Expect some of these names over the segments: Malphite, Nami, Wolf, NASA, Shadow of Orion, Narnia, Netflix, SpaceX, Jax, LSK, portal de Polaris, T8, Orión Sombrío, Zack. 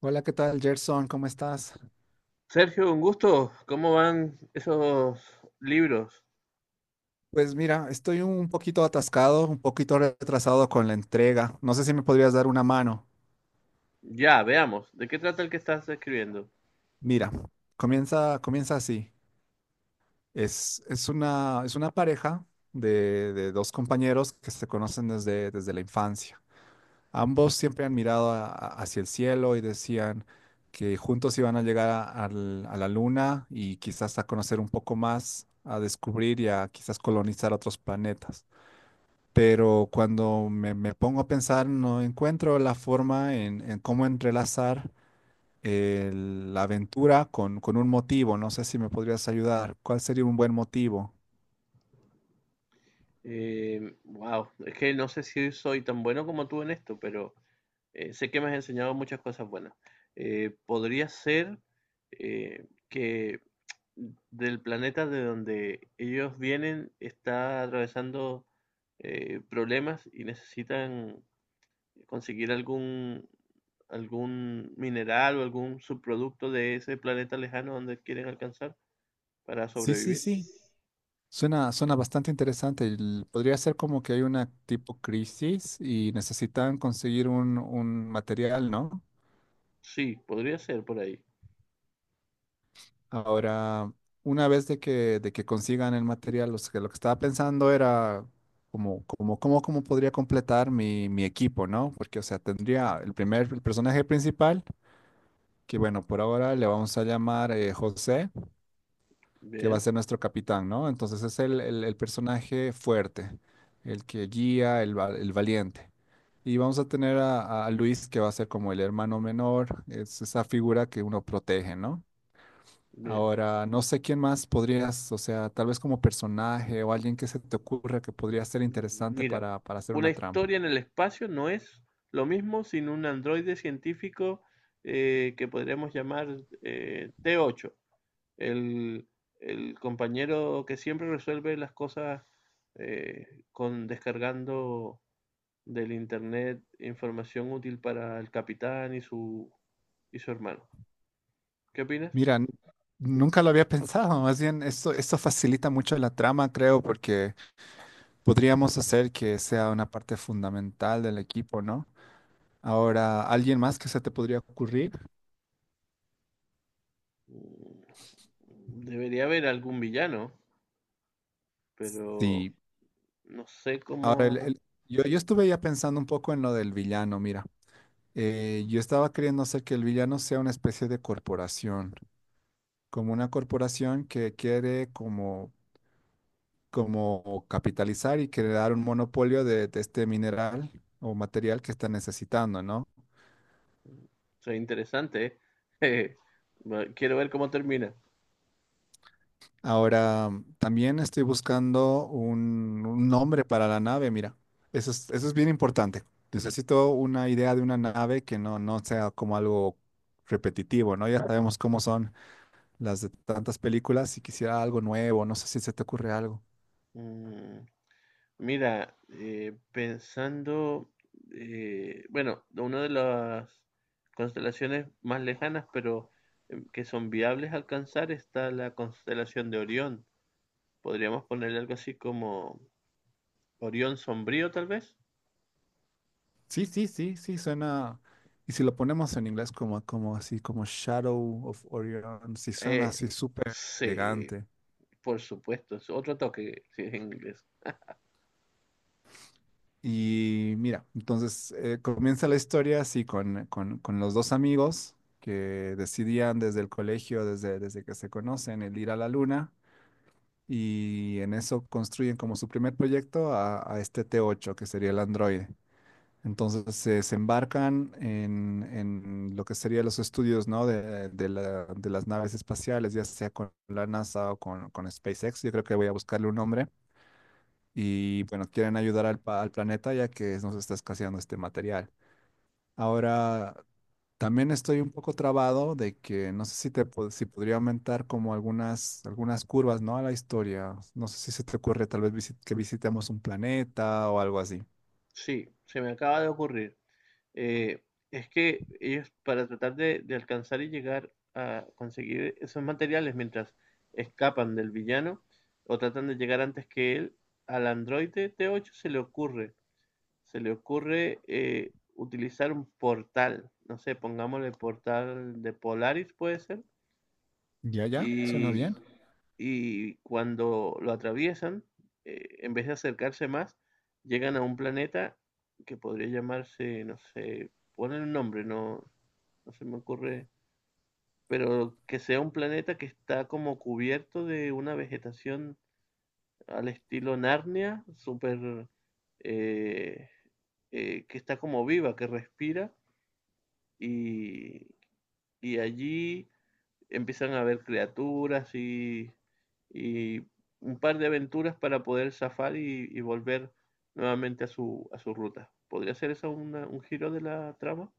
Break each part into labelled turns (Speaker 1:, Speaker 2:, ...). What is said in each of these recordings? Speaker 1: Hola, ¿qué tal, Gerson? ¿Cómo estás?
Speaker 2: Sergio, un gusto. ¿Cómo van esos libros?
Speaker 1: Pues mira, estoy un poquito atascado, un poquito retrasado con la entrega. No sé si me podrías dar una mano.
Speaker 2: Ya, veamos. ¿De qué trata el que estás escribiendo?
Speaker 1: Mira, comienza así. Es una pareja de dos compañeros que se conocen desde la infancia. Ambos siempre han mirado hacia el cielo y decían que juntos iban a llegar a la luna y quizás a conocer un poco más, a descubrir y a quizás colonizar otros planetas. Pero cuando me pongo a pensar, no encuentro la forma en cómo entrelazar la aventura con un motivo. No sé si me podrías ayudar. ¿Cuál sería un buen motivo?
Speaker 2: Wow, es que no sé si soy tan bueno como tú en esto, pero sé que me has enseñado muchas cosas buenas. Podría ser que del planeta de donde ellos vienen está atravesando problemas y necesitan conseguir algún mineral o algún subproducto de ese planeta lejano donde quieren alcanzar para
Speaker 1: Sí, sí,
Speaker 2: sobrevivir.
Speaker 1: sí. Suena bastante interesante. El- podría ser como que hay una tipo crisis y necesitan conseguir un material, ¿no?
Speaker 2: Sí, podría ser por ahí.
Speaker 1: Ahora, una vez de que consigan el material, lo que estaba pensando era cómo podría completar mi equipo, ¿no? Porque, o sea, tendría el primer, el personaje principal, que bueno, por ahora le vamos a llamar José. Que va a
Speaker 2: Bien,
Speaker 1: ser nuestro capitán, ¿no? Entonces es el personaje fuerte, el que guía, el, va- el valiente. Y vamos a tener a Luis, que va a ser como el hermano menor, es esa figura que uno protege, ¿no?
Speaker 2: bien.
Speaker 1: Ahora, no sé quién más podrías, o sea, tal vez como personaje o alguien que se te ocurra que podría ser interesante
Speaker 2: Mira,
Speaker 1: para hacer
Speaker 2: una
Speaker 1: una trama.
Speaker 2: historia en el espacio no es lo mismo sin un androide científico que podríamos llamar T8, el, el compañero que siempre resuelve las cosas eh, con descargando del internet información útil para el capitán y su hermano. ¿Qué opinas?
Speaker 1: Mira, nunca lo había pensado, más bien esto facilita mucho la trama, creo, porque podríamos hacer que sea una parte fundamental del equipo, ¿no? Ahora, ¿alguien más que se te podría ocurrir?
Speaker 2: Mm, Debería haber algún villano, pero
Speaker 1: Sí.
Speaker 2: no sé
Speaker 1: Ahora,
Speaker 2: cómo. O
Speaker 1: yo estuve ya pensando un poco en lo del villano, mira. Yo estaba queriendo hacer que el villano sea una especie de corporación, como una corporación que quiere como capitalizar y crear un monopolio de este mineral o material que está necesitando, ¿no?
Speaker 2: sea, interesante, ¿eh? Quiero ver cómo termina.
Speaker 1: Ahora, también estoy buscando un nombre para la nave, mira. Eso es bien importante. Necesito una idea de una nave que no sea como algo repetitivo, ¿no? Ya sabemos cómo son las de tantas películas y quisiera algo nuevo, no sé si se te ocurre algo.
Speaker 2: Mm, Mira, pensando, bueno, una de las constelaciones más lejanas, pero que son viables alcanzar, está la constelación de Orión. Podríamos ponerle algo así como Orión Sombrío, tal vez.
Speaker 1: Sí, sí, sí, sí, suena. Y si lo ponemos en inglés como Shadow of Orion, sí suena
Speaker 2: Eh,
Speaker 1: así súper
Speaker 2: sí,
Speaker 1: elegante.
Speaker 2: por supuesto, es otro toque si es en inglés.
Speaker 1: Y mira, entonces comienza la historia así con los dos amigos que decidían desde el colegio, desde que se conocen, el ir a la luna y en eso construyen como su primer proyecto a este T8, que sería el androide. Entonces se embarcan en lo que serían los estudios, ¿no? De las naves espaciales, ya sea con la NASA o con SpaceX. Yo creo que voy a buscarle un nombre y bueno, quieren ayudar al, pa- al planeta ya que nos está escaseando este material. Ahora, también estoy un poco trabado de que no sé si te pod- si podría aumentar como algunas curvas, ¿no?, a la historia. No sé si se te ocurre tal vez visi- que visitemos un planeta o algo así.
Speaker 2: Sí, se me acaba de ocurrir. Eh, es que ellos, para tratar de alcanzar y llegar a conseguir esos materiales mientras escapan del villano o tratan de llegar antes que él, al androide T8 se le ocurre utilizar un portal, no sé, pongámosle portal de Polaris puede ser.
Speaker 1: Ya, ya, suena
Speaker 2: Y,
Speaker 1: bien.
Speaker 2: y cuando lo atraviesan, en vez de acercarse más, llegan a un planeta que podría llamarse, no sé, ponen un nombre, no, no se me ocurre, pero que sea un planeta que está como cubierto de una vegetación al estilo Narnia, súper, eh, que está como viva, que respira, y, y allí empiezan a ver criaturas y un par de aventuras para poder zafar y volver nuevamente a su ruta. ¿Podría ser eso un giro de la trama?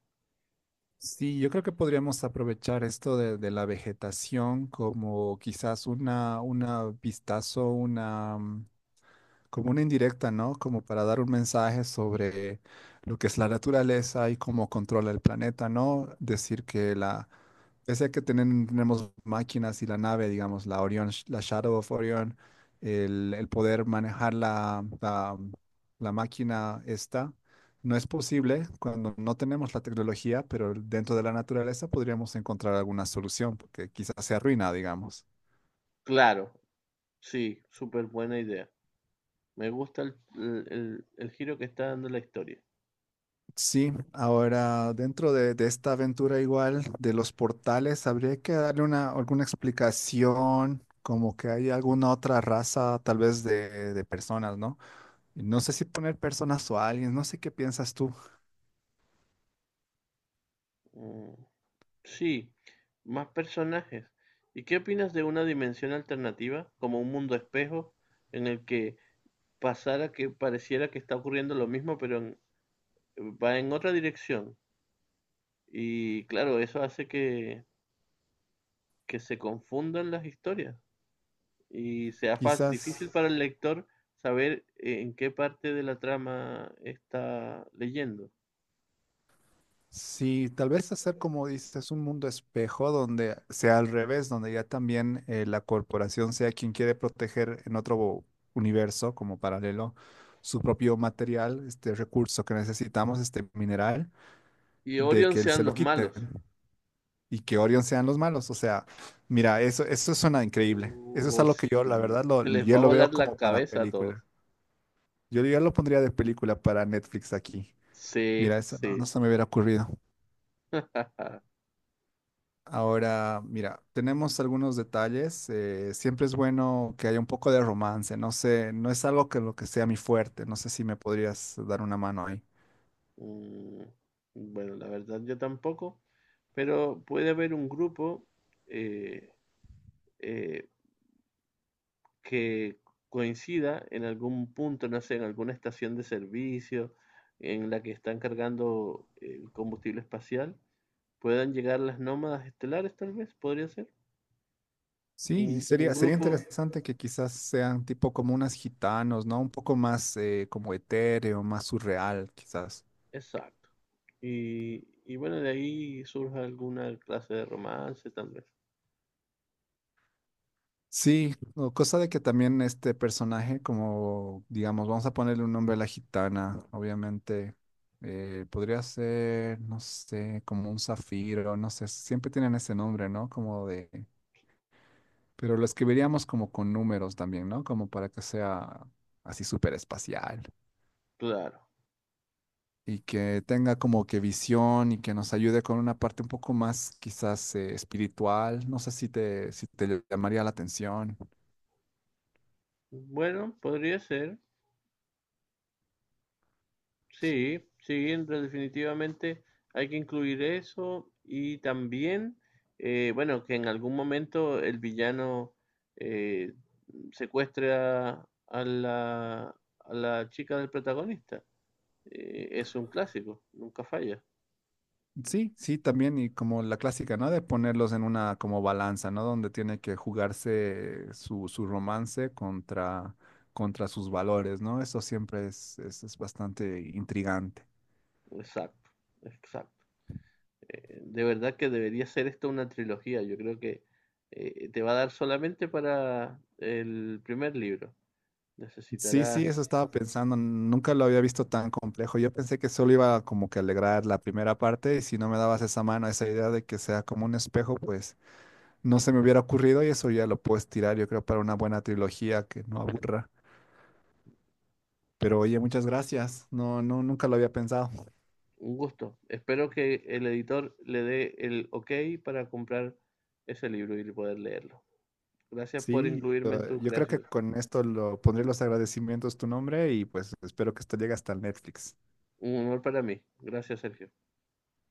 Speaker 1: Sí, yo creo que podríamos aprovechar esto de la vegetación como quizás una vistazo, una, como una indirecta, ¿no? Como para dar un mensaje sobre lo que es la naturaleza y cómo controla el planeta, ¿no? Decir que la, pese a que tenen- tenemos máquinas y la nave, digamos, la Orion, sh- la Shadow of Orion, el poder manejar la máquina esta, no es posible cuando no tenemos la tecnología, pero dentro de la naturaleza podríamos encontrar alguna solución, porque quizás se arruina, digamos.
Speaker 2: Claro, sí, súper buena idea. Me gusta el giro que está dando la historia.
Speaker 1: Sí, ahora dentro de esta aventura igual de los portales, habría que darle una, alguna explicación, como que hay alguna otra raza tal vez de personas, ¿no? Y no sé si poner personas o aliens, no sé qué piensas tú.
Speaker 2: Mm, sí, más personajes. ¿Y qué opinas de una dimensión alternativa, como un mundo espejo, en el que pasara que pareciera que está ocurriendo lo mismo, pero va en otra dirección? Y claro, eso hace que se confundan las historias y sea fácil, difícil
Speaker 1: Quizás,
Speaker 2: para el lector saber en qué parte de la trama está leyendo.
Speaker 1: sí, tal vez hacer como dices, un mundo espejo donde sea al revés, donde ya también la corporación sea quien quiere proteger en otro universo como paralelo su propio material, este recurso que necesitamos, este mineral
Speaker 2: Y
Speaker 1: de
Speaker 2: Orion
Speaker 1: que se
Speaker 2: sean
Speaker 1: lo
Speaker 2: los
Speaker 1: quiten
Speaker 2: malos.
Speaker 1: y que Orion sean los malos. O sea, mira, eso suena increíble. Eso es
Speaker 2: O
Speaker 1: algo que yo,
Speaker 2: si
Speaker 1: la verdad, lo,
Speaker 2: se les
Speaker 1: yo
Speaker 2: va a
Speaker 1: lo veo
Speaker 2: volar la
Speaker 1: como para
Speaker 2: cabeza a todos.
Speaker 1: película. Yo ya lo pondría de película para Netflix aquí.
Speaker 2: Sí,
Speaker 1: Mira, eso
Speaker 2: sí.
Speaker 1: no se me hubiera ocurrido. Ahora, mira, tenemos algunos detalles. Siempre es bueno que haya un poco de romance. No sé, no es algo que lo que sea mi fuerte. No sé si me podrías dar una mano ahí.
Speaker 2: Mm, bueno, la verdad yo tampoco. Pero puede haber un grupo eh, eh, que coincida en algún punto, no sé, en alguna estación de servicio en la que están cargando el combustible espacial, puedan llegar las nómadas estelares, tal vez, podría ser. Un,
Speaker 1: Sí, y
Speaker 2: un
Speaker 1: sería
Speaker 2: grupo,
Speaker 1: interesante que quizás sean tipo como unas gitanos, ¿no? Un poco más como etéreo, más surreal, quizás.
Speaker 2: exacto. Y bueno, de ahí surge alguna clase de romance, tal vez.
Speaker 1: Sí, o cosa de que también este personaje, como digamos, vamos a ponerle un nombre a la gitana, obviamente, podría ser, no sé, como un zafiro, no sé, siempre tienen ese nombre, ¿no? Como de, pero lo escribiríamos como con números también, ¿no? Como para que sea así súper espacial.
Speaker 2: Claro.
Speaker 1: Y que tenga como que visión y que nos ayude con una parte un poco más quizás espiritual. No sé si te, si te llamaría la atención.
Speaker 2: Bueno, podría ser. Sí, sí, definitivamente hay que incluir eso y también, bueno, que en algún momento el villano eh, secuestre a la chica del protagonista. Es un clásico, nunca falla.
Speaker 1: Sí, sí, también y como la clásica, ¿no? De ponerlos en una como balanza, ¿no? Donde tiene que jugarse su romance contra sus valores, ¿no? Eso siempre es es bastante intrigante.
Speaker 2: Exacto, exacto. De verdad que debería ser esto una trilogía. Yo creo que te va a dar solamente para el primer libro.
Speaker 1: Sí, sí,
Speaker 2: Necesitarás.
Speaker 1: eso estaba pensando. Nunca lo había visto tan complejo. Yo pensé que solo iba como que a alegrar la primera parte y si no me dabas esa mano, esa idea de que sea como un espejo, pues no se me hubiera ocurrido y eso ya lo puedes tirar, yo creo, para una buena trilogía que no aburra. Pero oye, muchas gracias. No, no, nunca lo había pensado.
Speaker 2: Un gusto. Espero que el editor le dé el ok para comprar ese libro y poder leerlo. Gracias por
Speaker 1: Sí,
Speaker 2: incluirme en
Speaker 1: lo-
Speaker 2: tu
Speaker 1: yo creo que
Speaker 2: creación.
Speaker 1: con esto lo pondré los agradecimientos tu nombre y pues espero que esto llegue hasta el Netflix.
Speaker 2: Un honor para mí. Gracias, Sergio.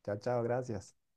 Speaker 1: Chao, chao, gracias.